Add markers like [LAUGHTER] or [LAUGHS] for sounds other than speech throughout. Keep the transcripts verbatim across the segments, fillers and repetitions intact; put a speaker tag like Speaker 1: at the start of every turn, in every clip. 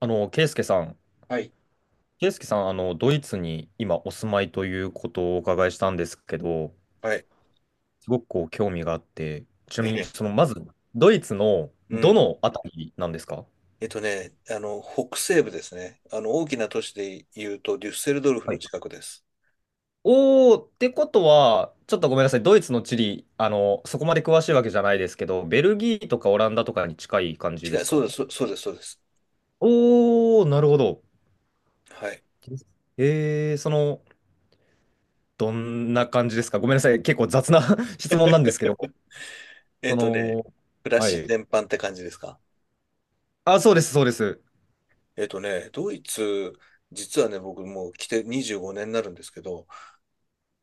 Speaker 1: あの、ケイスケさん、
Speaker 2: はい。
Speaker 1: ケイスケさん、あの、ドイツに今お住まいということをお伺いしたんですけど、
Speaker 2: はい。
Speaker 1: すごくこう興味があって、ちな
Speaker 2: え
Speaker 1: みに、
Speaker 2: え。
Speaker 1: その、まず、ドイツの
Speaker 2: う
Speaker 1: ど
Speaker 2: ん。
Speaker 1: のあたりなんですか？
Speaker 2: えっとね、あの、北西部ですね。あの、大きな都市で言うと、デュッセルドルフ
Speaker 1: は
Speaker 2: の
Speaker 1: い。
Speaker 2: 近くです。
Speaker 1: おー、ってことは、ちょっとごめんなさい、ドイツの地理、あの、そこまで詳しいわけじゃないですけど、ベルギーとかオランダとかに近い感じで
Speaker 2: 近い、
Speaker 1: す
Speaker 2: そう
Speaker 1: か？
Speaker 2: です、そそうです、そうです。
Speaker 1: おー、なるほど。
Speaker 2: はい。
Speaker 1: えー、その、どんな感じですか？ごめんなさい、結構雑な [LAUGHS] 質問なんですけ
Speaker 2: [LAUGHS]
Speaker 1: ど、
Speaker 2: え
Speaker 1: そ
Speaker 2: っとね、
Speaker 1: の、
Speaker 2: 暮ら
Speaker 1: は
Speaker 2: し
Speaker 1: い。
Speaker 2: 全般って感じですか？
Speaker 1: あ、そうです、そうです。
Speaker 2: えっとね、ドイツ、実はね、僕もう来てにじゅうごねんになるんですけど、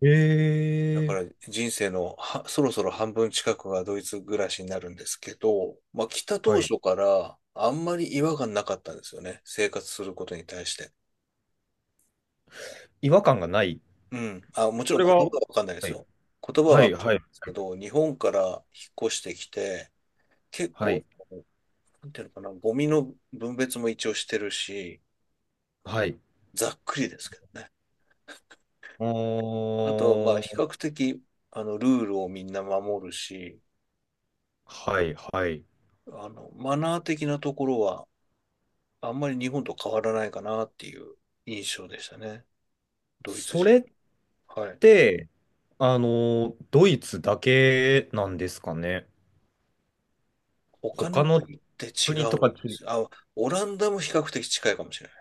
Speaker 1: え
Speaker 2: だか
Speaker 1: え。
Speaker 2: ら人生のはそろそろ半分近くがドイツ暮らしになるんですけど、まあ来た
Speaker 1: は
Speaker 2: 当
Speaker 1: い。
Speaker 2: 初からあんまり違和感なかったんですよね。生活することに対して。
Speaker 1: 違和感がない。
Speaker 2: うん。あ、もち
Speaker 1: そ
Speaker 2: ろん
Speaker 1: れ
Speaker 2: 言葉
Speaker 1: は、は
Speaker 2: はわかんないです
Speaker 1: い、
Speaker 2: よ。言葉は
Speaker 1: は
Speaker 2: わ
Speaker 1: い、
Speaker 2: かんない
Speaker 1: はい、
Speaker 2: ですけど、日本から引っ越してきて、結
Speaker 1: は
Speaker 2: 構、
Speaker 1: い、
Speaker 2: なんていうのかな、ゴミの分別も一応してるし、
Speaker 1: はい。
Speaker 2: ざっくりですけどね。
Speaker 1: お
Speaker 2: あと、まあ、比
Speaker 1: ー。
Speaker 2: 較的、あの、ルールをみんな守るし、
Speaker 1: はい、はい。
Speaker 2: あの、マナー的なところは、あんまり日本と変わらないかなっていう印象でしたね。ドイツ
Speaker 1: そ
Speaker 2: 人。
Speaker 1: れっ
Speaker 2: はい。
Speaker 1: て、あの、ドイツだけなんですかね。
Speaker 2: 他
Speaker 1: 他
Speaker 2: の
Speaker 1: の
Speaker 2: 国って違
Speaker 1: 国と
Speaker 2: うん
Speaker 1: か
Speaker 2: で
Speaker 1: き、
Speaker 2: す。あ、オランダも比較的近いかもしれない。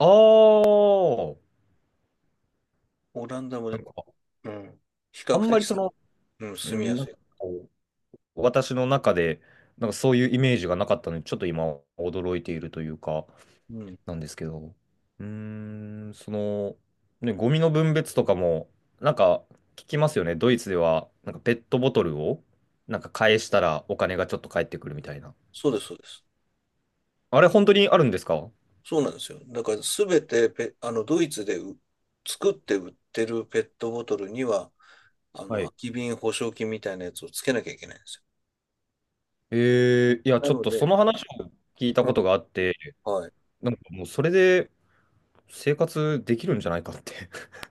Speaker 1: あー
Speaker 2: オランダも
Speaker 1: な
Speaker 2: ね、
Speaker 1: んか、
Speaker 2: うん。比較
Speaker 1: あんま
Speaker 2: 的
Speaker 1: りそ
Speaker 2: す、
Speaker 1: の、
Speaker 2: うん、
Speaker 1: う
Speaker 2: 住み
Speaker 1: ん
Speaker 2: や
Speaker 1: なん
Speaker 2: すい。
Speaker 1: かこう私の中で、なんかそういうイメージがなかったので、ちょっと今、驚いているというか。
Speaker 2: うん。
Speaker 1: なんですけど、うーん、その、ね、ゴミの分別とかも、なんか聞きますよね。ドイツでは、なんかペットボトルを、なんか返したらお金がちょっと返ってくるみたいな。
Speaker 2: そうです、そうです。
Speaker 1: あれ、本当にあるんですか？
Speaker 2: そうなんですよ。だから、すべてペ、あの、ドイツでう作って売ってるペットボトルには、あの、
Speaker 1: は
Speaker 2: 空
Speaker 1: い。
Speaker 2: き瓶保証金みたいなやつをつけなきゃいけないんですよ。
Speaker 1: えー、いや、
Speaker 2: な
Speaker 1: ちょっ
Speaker 2: の
Speaker 1: とそ
Speaker 2: で、
Speaker 1: の話を聞いた
Speaker 2: う
Speaker 1: こと
Speaker 2: ん。
Speaker 1: があって、
Speaker 2: はい。
Speaker 1: なんかもうそれで生活できるんじゃないかって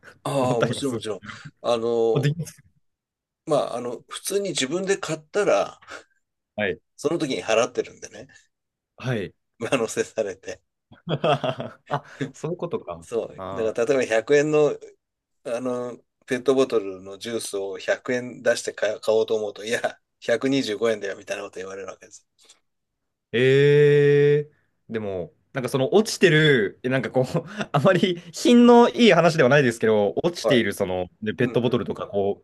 Speaker 1: [LAUGHS] 思
Speaker 2: あ
Speaker 1: っ
Speaker 2: あ、
Speaker 1: た
Speaker 2: も
Speaker 1: りも
Speaker 2: ちろん、
Speaker 1: す
Speaker 2: も
Speaker 1: る。
Speaker 2: ちろん。あ
Speaker 1: あ、で
Speaker 2: の、
Speaker 1: きます。
Speaker 2: まあ、あの、普通に自分で買ったら、
Speaker 1: はい。
Speaker 2: その時に払ってるんでね、[LAUGHS]
Speaker 1: はい。
Speaker 2: 上乗せされて。
Speaker 1: [LAUGHS] あ、
Speaker 2: [LAUGHS]
Speaker 1: そういうことか。
Speaker 2: そう。だ
Speaker 1: あ
Speaker 2: から、
Speaker 1: ー。
Speaker 2: 例えばひゃくえんのあの、ペットボトルのジュースをひゃくえん出して買買おうと思うと、いや、ひゃくにじゅうごえんだよ、みたいなこと言われるわけです。
Speaker 1: ええ。でも、なんかその落ちてる、えなんかこう、[LAUGHS] あまり品のいい話ではないですけど、落ちて
Speaker 2: はい。
Speaker 1: いるその、で、
Speaker 2: う
Speaker 1: ペ
Speaker 2: ん
Speaker 1: ットボ
Speaker 2: う
Speaker 1: トル
Speaker 2: ん。
Speaker 1: とかこ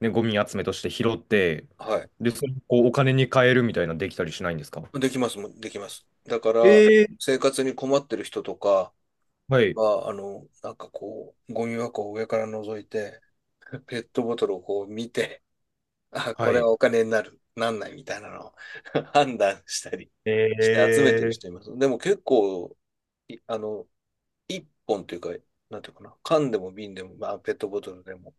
Speaker 1: う、ね、ゴミ集めとして拾って、
Speaker 2: はい。
Speaker 1: で、それをこうお金に換えるみたいなできたりしないんですか？
Speaker 2: できますもん、できます。だから、
Speaker 1: ええ。
Speaker 2: 生活に困ってる人とか
Speaker 1: はい、
Speaker 2: は、あの、なんかこう、ゴミ箱を上から覗いて、ペットボトルをこう見て、あ、
Speaker 1: は
Speaker 2: これは
Speaker 1: い。
Speaker 2: お金になる、なんないみたいなのを [LAUGHS] 判断したりして
Speaker 1: え
Speaker 2: 集めてる
Speaker 1: え。
Speaker 2: 人います。でも結構、いあの、いっぽんというか、なんていうかな、缶でも瓶でも、まあ、ペットボトルでも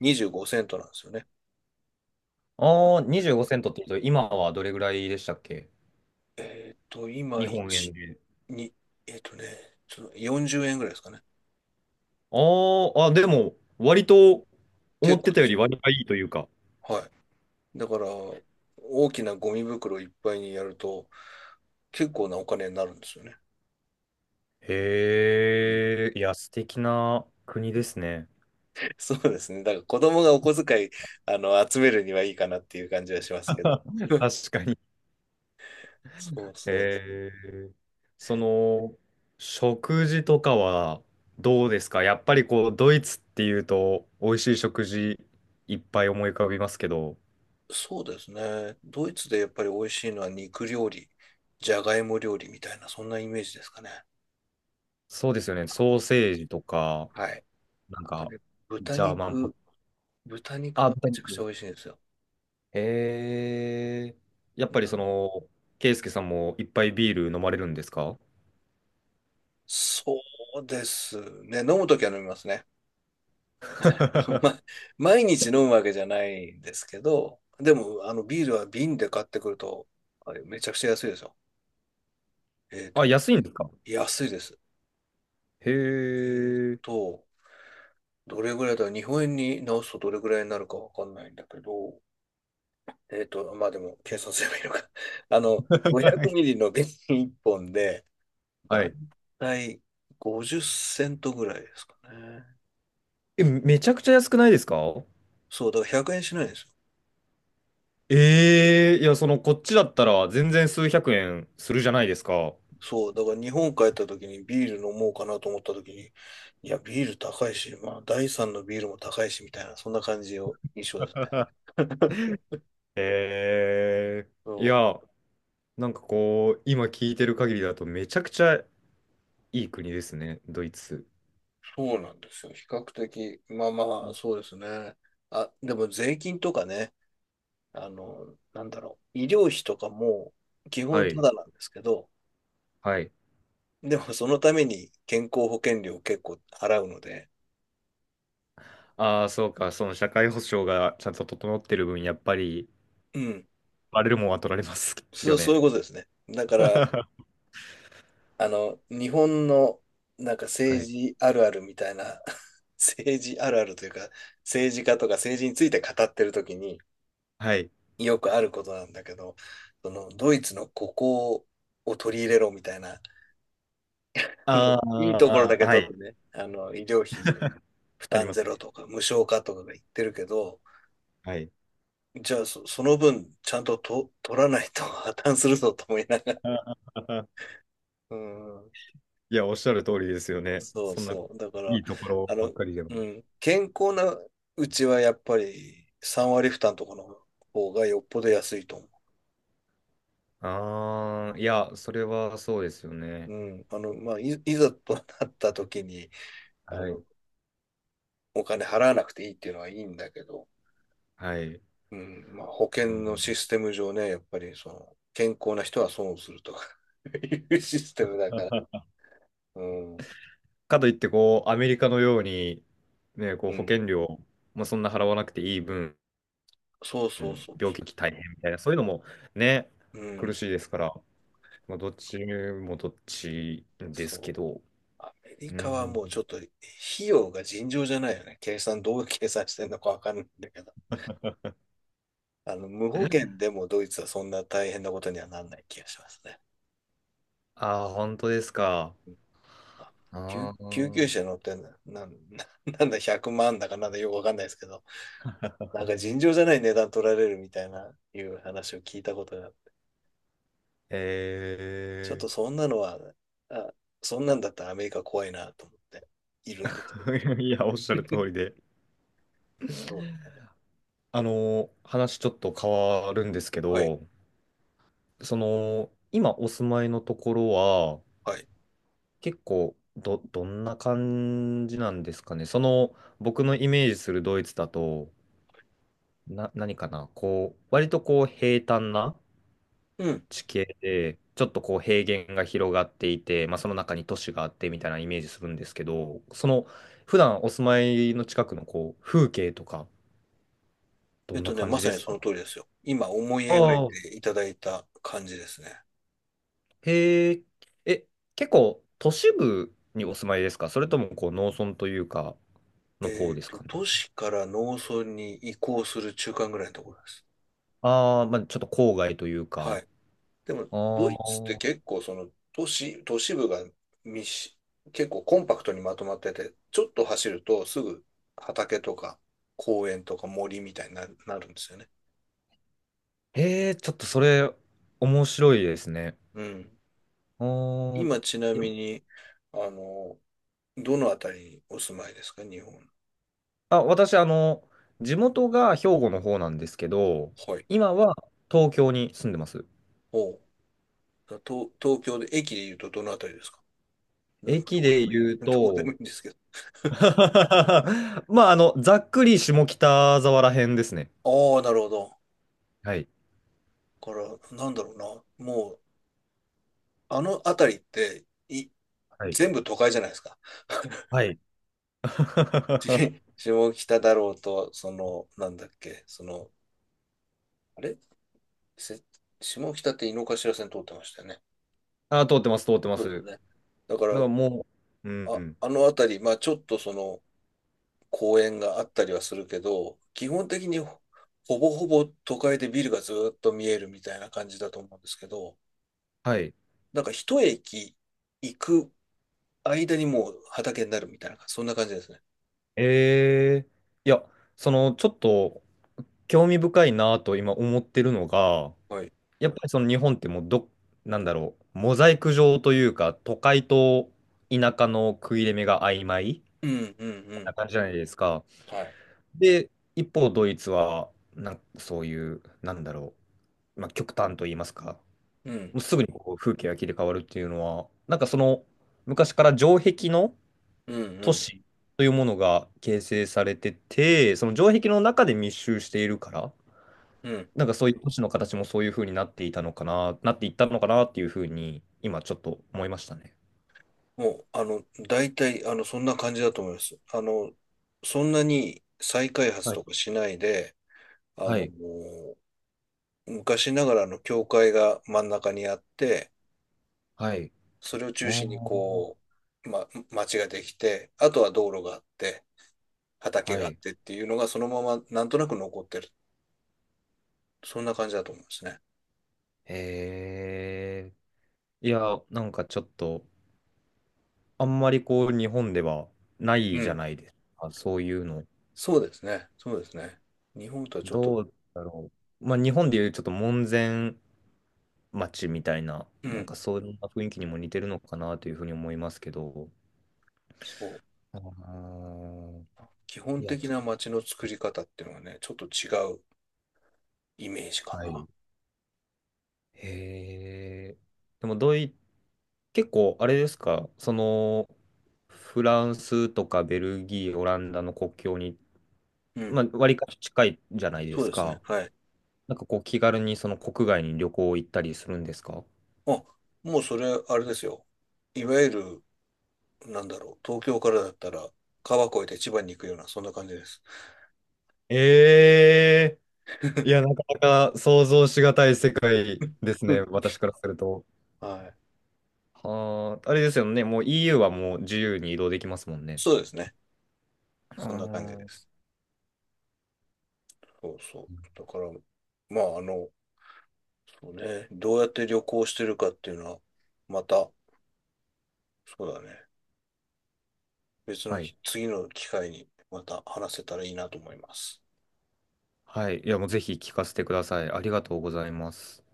Speaker 2: にじゅうごセントなんですよね。
Speaker 1: ああー、にじゅうごセントって言うと、今はどれぐらいでしたっけ？
Speaker 2: えっと、
Speaker 1: 日
Speaker 2: 今、
Speaker 1: 本円
Speaker 2: いち、
Speaker 1: で。
Speaker 2: に、えっとね、そのよんじゅうえんぐらいですかね。
Speaker 1: あーあ、でも、割と思
Speaker 2: 結
Speaker 1: っ
Speaker 2: 構
Speaker 1: て
Speaker 2: で
Speaker 1: たよ
Speaker 2: す
Speaker 1: り
Speaker 2: よ。
Speaker 1: 割がいいというか。
Speaker 2: はい。だから、大きなゴミ袋いっぱいにやると、結構なお金になるんですよね。うん。
Speaker 1: へえ、いや、素敵な国ですね。
Speaker 2: [LAUGHS] そうですね。だから子供がお小遣い、あの、集めるにはいいかなっていう感じはしますけど。
Speaker 1: [LAUGHS] 確かに。
Speaker 2: そうそうそう。
Speaker 1: へえ。その、食事とかはどうですか？やっぱりこう、ドイツっていうと、美味しい食事いっぱい思い浮かびますけど、
Speaker 2: そうですね。ドイツでやっぱり美味しいのは肉料理、じゃがいも料理みたいな、そんなイメージですかね。
Speaker 1: そうですよね。ソーセージとか、
Speaker 2: はい。
Speaker 1: なん
Speaker 2: あと
Speaker 1: か、
Speaker 2: ね、豚
Speaker 1: ジャーマンポッ、
Speaker 2: 肉、豚肉
Speaker 1: あ、
Speaker 2: がめ
Speaker 1: 豚
Speaker 2: ちゃくちゃ
Speaker 1: 肉。
Speaker 2: 美味しいんですよ。
Speaker 1: へえ。やっ
Speaker 2: う
Speaker 1: ぱりそ
Speaker 2: ん、
Speaker 1: の、ケイスケさんもいっぱいビール飲まれるんですか？
Speaker 2: そうですね。飲むときは飲みますね。[LAUGHS] ま
Speaker 1: [LAUGHS]
Speaker 2: 毎日飲むわけじゃないんですけど、でも、あの、ビールは瓶で買ってくると、あれめちゃくちゃ安いですよ。えっと
Speaker 1: あ、
Speaker 2: ね、
Speaker 1: 安いんですか？
Speaker 2: 安いです。
Speaker 1: へ
Speaker 2: えっ
Speaker 1: え。
Speaker 2: と、どれぐらいだ、日本円に直すとどれぐらいになるかわかんないんだけど、えっと、まあでも、計算すればいいのか。[LAUGHS] あの、
Speaker 1: は
Speaker 2: ごひゃく
Speaker 1: い。
Speaker 2: ミリの瓶いっぽんで、
Speaker 1: は
Speaker 2: だい
Speaker 1: い。
Speaker 2: たいごじゅうセントぐらいですかね。
Speaker 1: え、めちゃくちゃ安くないですか？
Speaker 2: そう、だからひゃくえんしないんですよ。
Speaker 1: ええ。いや、その、こっちだったら全然数百円するじゃないですか。
Speaker 2: そう、だから日本帰った時にビール飲もうかなと思った時に、いや、ビール高いし、まあ、だいさんのビールも高いし、みたいな、そんな感じを印象ですね。
Speaker 1: [LAUGHS]
Speaker 2: [LAUGHS]
Speaker 1: ええ。
Speaker 2: そ
Speaker 1: い
Speaker 2: う、
Speaker 1: や、なんかこう、今聞いてる限りだとめちゃくちゃいい国ですね、ドイツ。
Speaker 2: そうなんですよ。比較的、まあまあ、そうですね。あ、でも税金とかね、あの、なんだろう、医療費とかも基
Speaker 1: は
Speaker 2: 本た
Speaker 1: い、
Speaker 2: だなんですけど、
Speaker 1: はい。
Speaker 2: でもそのために健康保険料を結構払うので、
Speaker 1: ああ、そうか、その社会保障がちゃんと整ってる分、やっぱり、
Speaker 2: うん、
Speaker 1: バレるもんは取られますよ
Speaker 2: そ、そう
Speaker 1: ね。
Speaker 2: いうことですね。だから、
Speaker 1: [LAUGHS]
Speaker 2: あの、日本のなんか
Speaker 1: は
Speaker 2: 政
Speaker 1: い。
Speaker 2: 治あるあるみたいな、[LAUGHS] 政治あるあるというか、政治家とか政治について語ってるときに
Speaker 1: はい。
Speaker 2: よくあることなんだけど、そのドイツのここを取り入れろみたいな、あの
Speaker 1: あ
Speaker 2: いいところだ
Speaker 1: あ、
Speaker 2: け
Speaker 1: は
Speaker 2: 取っ
Speaker 1: い。
Speaker 2: てね、あの、医療費負
Speaker 1: あり
Speaker 2: 担
Speaker 1: ま
Speaker 2: ゼ
Speaker 1: す
Speaker 2: ロ
Speaker 1: ね。
Speaker 2: とか無償化とかが言ってるけど、
Speaker 1: はい。
Speaker 2: じゃあそ、その分ちゃんとと取らないと破綻するぞと思いながら。
Speaker 1: [LAUGHS]
Speaker 2: うん、
Speaker 1: いや、おっしゃる通りですよね。
Speaker 2: そう
Speaker 1: そんな、い
Speaker 2: そう。だから、
Speaker 1: いとこ
Speaker 2: あ
Speaker 1: ろばっ
Speaker 2: の、
Speaker 1: かりでも。
Speaker 2: うん、健康なうちはやっぱりさん割負担とかの方がよっぽど安いと思う。
Speaker 1: ああ、いや、それはそうですよ
Speaker 2: う
Speaker 1: ね。
Speaker 2: ん、あの、まあ、い、いざとなった時に、あ
Speaker 1: は
Speaker 2: の、
Speaker 1: い。
Speaker 2: お金払わなくていいっていうのはいいんだけど、
Speaker 1: はい。
Speaker 2: うん、まあ、保
Speaker 1: う
Speaker 2: 険
Speaker 1: ん。
Speaker 2: のシステム上ね、やっぱりその、健康な人は損をすると [LAUGHS] いうシステムだから、うん、
Speaker 1: かといって、こう、アメリカのように、ね、こう、
Speaker 2: う
Speaker 1: 保
Speaker 2: ん、
Speaker 1: 険料、まあ、そんな払わなくていい分、
Speaker 2: そう
Speaker 1: う
Speaker 2: そう
Speaker 1: ん
Speaker 2: そ
Speaker 1: 病気大変みたいな、そういうのも、ね、
Speaker 2: う。う
Speaker 1: 苦
Speaker 2: ん、
Speaker 1: しいですから、まあ、どっちもどっちです
Speaker 2: そ
Speaker 1: け
Speaker 2: う。
Speaker 1: ど。
Speaker 2: アメリ
Speaker 1: う
Speaker 2: カはもうちょっ
Speaker 1: ん。
Speaker 2: と費用が尋常じゃないよね。計算、どう計算してんのかわかんないんだけど。あの、無保険でもドイツはそんな大変なことにはなんない気がしますね。
Speaker 1: ああ、本当ですか。
Speaker 2: うん、あ、救、
Speaker 1: あ
Speaker 2: 救急
Speaker 1: あ、
Speaker 2: 車乗ってんだ、なん、[LAUGHS] ななんだ、ひゃくまんだかなんだよくわかんないですけど、なんか尋常じゃない値段取られるみたいな、いう話を聞いたことがちょっ
Speaker 1: え
Speaker 2: と
Speaker 1: え
Speaker 2: そんなのは、あ、そんなんだったらアメリカ怖いなと思っているんですけど。
Speaker 1: [LAUGHS] いや、おっしゃる通りで。
Speaker 2: うん、
Speaker 1: あの、話ちょっと変わるんですけ
Speaker 2: はい。
Speaker 1: ど、その、今お住まいのところは、
Speaker 2: はい。
Speaker 1: 結構、ど、どんな感じなんですかね。その、僕のイメージするドイツだと、な、何かな、こう、割とこう、平坦な
Speaker 2: うん。
Speaker 1: 地形で、ちょっとこう、平原が広がっていて、まあ、その中に都市があってみたいなイメージするんですけど、その、普段お住まいの近くのこう、風景とか、ど
Speaker 2: えっ
Speaker 1: んな
Speaker 2: とね、
Speaker 1: 感
Speaker 2: ま
Speaker 1: じ
Speaker 2: さ
Speaker 1: で
Speaker 2: に
Speaker 1: す
Speaker 2: そ
Speaker 1: か？
Speaker 2: の通りですよ。今思い描い
Speaker 1: ああ。
Speaker 2: ていただいた感じですね。
Speaker 1: へえ。え、結構都市部にお住まいですか？それともこう農村というか、の方
Speaker 2: えっ
Speaker 1: です
Speaker 2: と、
Speaker 1: かね。
Speaker 2: 都市から農村に移行する中間ぐらいのところです。
Speaker 1: ああ、まあちょっと郊外という
Speaker 2: は
Speaker 1: か。
Speaker 2: い。でも、
Speaker 1: ああ、
Speaker 2: ドイツって結構その都市、都市部が密し、結構コンパクトにまとまってて、ちょっと走るとすぐ畑とか公園とか森みたいになる、なるんですよね。
Speaker 1: へえ、ちょっとそれ面白いですね。
Speaker 2: うん。
Speaker 1: あー。い
Speaker 2: 今ちな
Speaker 1: や、
Speaker 2: みに、あの、どのあたりにお住まいですか、日本？
Speaker 1: あ、私、あの、地元が兵庫の方なんですけど、
Speaker 2: はい。
Speaker 1: 今は東京に住んでます。
Speaker 2: お東、東京で、駅で言うとどのあたりですか？どど
Speaker 1: 駅
Speaker 2: こで
Speaker 1: で
Speaker 2: もいい、
Speaker 1: 言う
Speaker 2: [LAUGHS] どこでも
Speaker 1: と、
Speaker 2: いいんですけど。
Speaker 1: [LAUGHS] まあ、あの、ざっくり下北沢ら辺ですね。
Speaker 2: ああ、なるほど。
Speaker 1: はい。
Speaker 2: だから、なんだろうな。もう、あのあたりって、い、
Speaker 1: はい。
Speaker 2: 全部都会じゃないですか。[LAUGHS]
Speaker 1: はい。[LAUGHS]
Speaker 2: し下北だろうと、その、なんだっけ、その、あれせ下北って井の頭線通ってましたよね。
Speaker 1: ああ、通ってます、通ってま
Speaker 2: そう
Speaker 1: す。
Speaker 2: で
Speaker 1: だ
Speaker 2: す
Speaker 1: か
Speaker 2: ね。だから、
Speaker 1: らもう、うん、う
Speaker 2: あ、
Speaker 1: ん。
Speaker 2: あのあたり、まあちょっとその、公園があったりはするけど、基本的にほぼほぼ都会でビルがずっと見えるみたいな感じだと思うんですけど、
Speaker 1: はい。
Speaker 2: なんかひとえき行く間にもう畑になるみたいな、そんな感じですね。
Speaker 1: えー、いや、その、ちょっと、興味深いなと今思ってるのが、
Speaker 2: はい。
Speaker 1: やっぱりその日本ってもうど、なんだろう、モザイク状というか、都会と田舎の食い入れ目が曖昧
Speaker 2: うんうんう
Speaker 1: な
Speaker 2: ん。
Speaker 1: 感じじゃないですか。
Speaker 2: はい。
Speaker 1: で、一方、ドイツは、なん、そういう、なんだろう、まあ、極端と言いますか、
Speaker 2: うん
Speaker 1: もうすぐにこう風景が切り替わるっていうのは、なんかその、昔から城壁の、
Speaker 2: うんう
Speaker 1: 都市
Speaker 2: ん
Speaker 1: というものが形成されてて、その城壁の中で密集しているから、
Speaker 2: うん。
Speaker 1: なんかそういう都市の形もそういう風になっていたのかな、なっていったのかなっていう風に、今ちょっと思いましたね。
Speaker 2: もう、あの、大体、あの、そんな感じだと思います。あの、そんなに再開発
Speaker 1: はい。
Speaker 2: とかしないで、あ
Speaker 1: は
Speaker 2: の、
Speaker 1: い。
Speaker 2: もう昔ながらの教会が真ん中にあって、
Speaker 1: はい。
Speaker 2: それを
Speaker 1: あ
Speaker 2: 中心に
Speaker 1: ー。
Speaker 2: こう、ま、町ができて、あとは道路があって、畑
Speaker 1: は
Speaker 2: があっ
Speaker 1: い。
Speaker 2: てっていうのがそのままなんとなく残ってる。そんな感じだと思うんですね。
Speaker 1: ええ。いや、なんかちょっと、あんまりこう、日本ではない
Speaker 2: う
Speaker 1: じゃ
Speaker 2: ん。
Speaker 1: ないですか、そういうの。
Speaker 2: そうですね。そうですね。日本とはちょっと、
Speaker 1: どうだろう。まあ、日本でいうちょっと門前街みたいな、
Speaker 2: う
Speaker 1: なん
Speaker 2: ん。
Speaker 1: かそういう雰囲気にも似てるのかなというふうに思いますけど。
Speaker 2: そう。
Speaker 1: あー。
Speaker 2: 基
Speaker 1: い
Speaker 2: 本
Speaker 1: や、
Speaker 2: 的
Speaker 1: ちょ、
Speaker 2: な町の作り方っていうのはね、ちょっと違うイメージか
Speaker 1: は
Speaker 2: な。
Speaker 1: い。へえ。でもドイ、結構あれですか、その、フランスとかベルギー、オランダの国境に、
Speaker 2: う
Speaker 1: ま
Speaker 2: ん。
Speaker 1: あ、割かし近いじゃないで
Speaker 2: そう
Speaker 1: す
Speaker 2: ですね。
Speaker 1: か。
Speaker 2: はい。
Speaker 1: なんかこう気軽にその国外に旅行行ったりするんですか？
Speaker 2: あ、もうそれ、あれですよ。いわゆる、なんだろう、東京からだったら、川越えて千葉に行くような、そんな感じです。
Speaker 1: ええ。いや、なかなか想像しがたい世界ですね、
Speaker 2: [LAUGHS]
Speaker 1: 私からすると。
Speaker 2: はい。
Speaker 1: はあ、あれですよね。もう イーユー はもう自由に移動できますもんね。
Speaker 2: そうですね。
Speaker 1: あ
Speaker 2: そんな感じで
Speaker 1: ー。
Speaker 2: す。そうそう。だから、まあ、あの、そうね、どうやって旅行してるかっていうのは、また、そうだね、別の
Speaker 1: はい。
Speaker 2: き次の機会にまた話せたらいいなと思います。
Speaker 1: はい。いや、もうぜひ聞かせてください。ありがとうございます。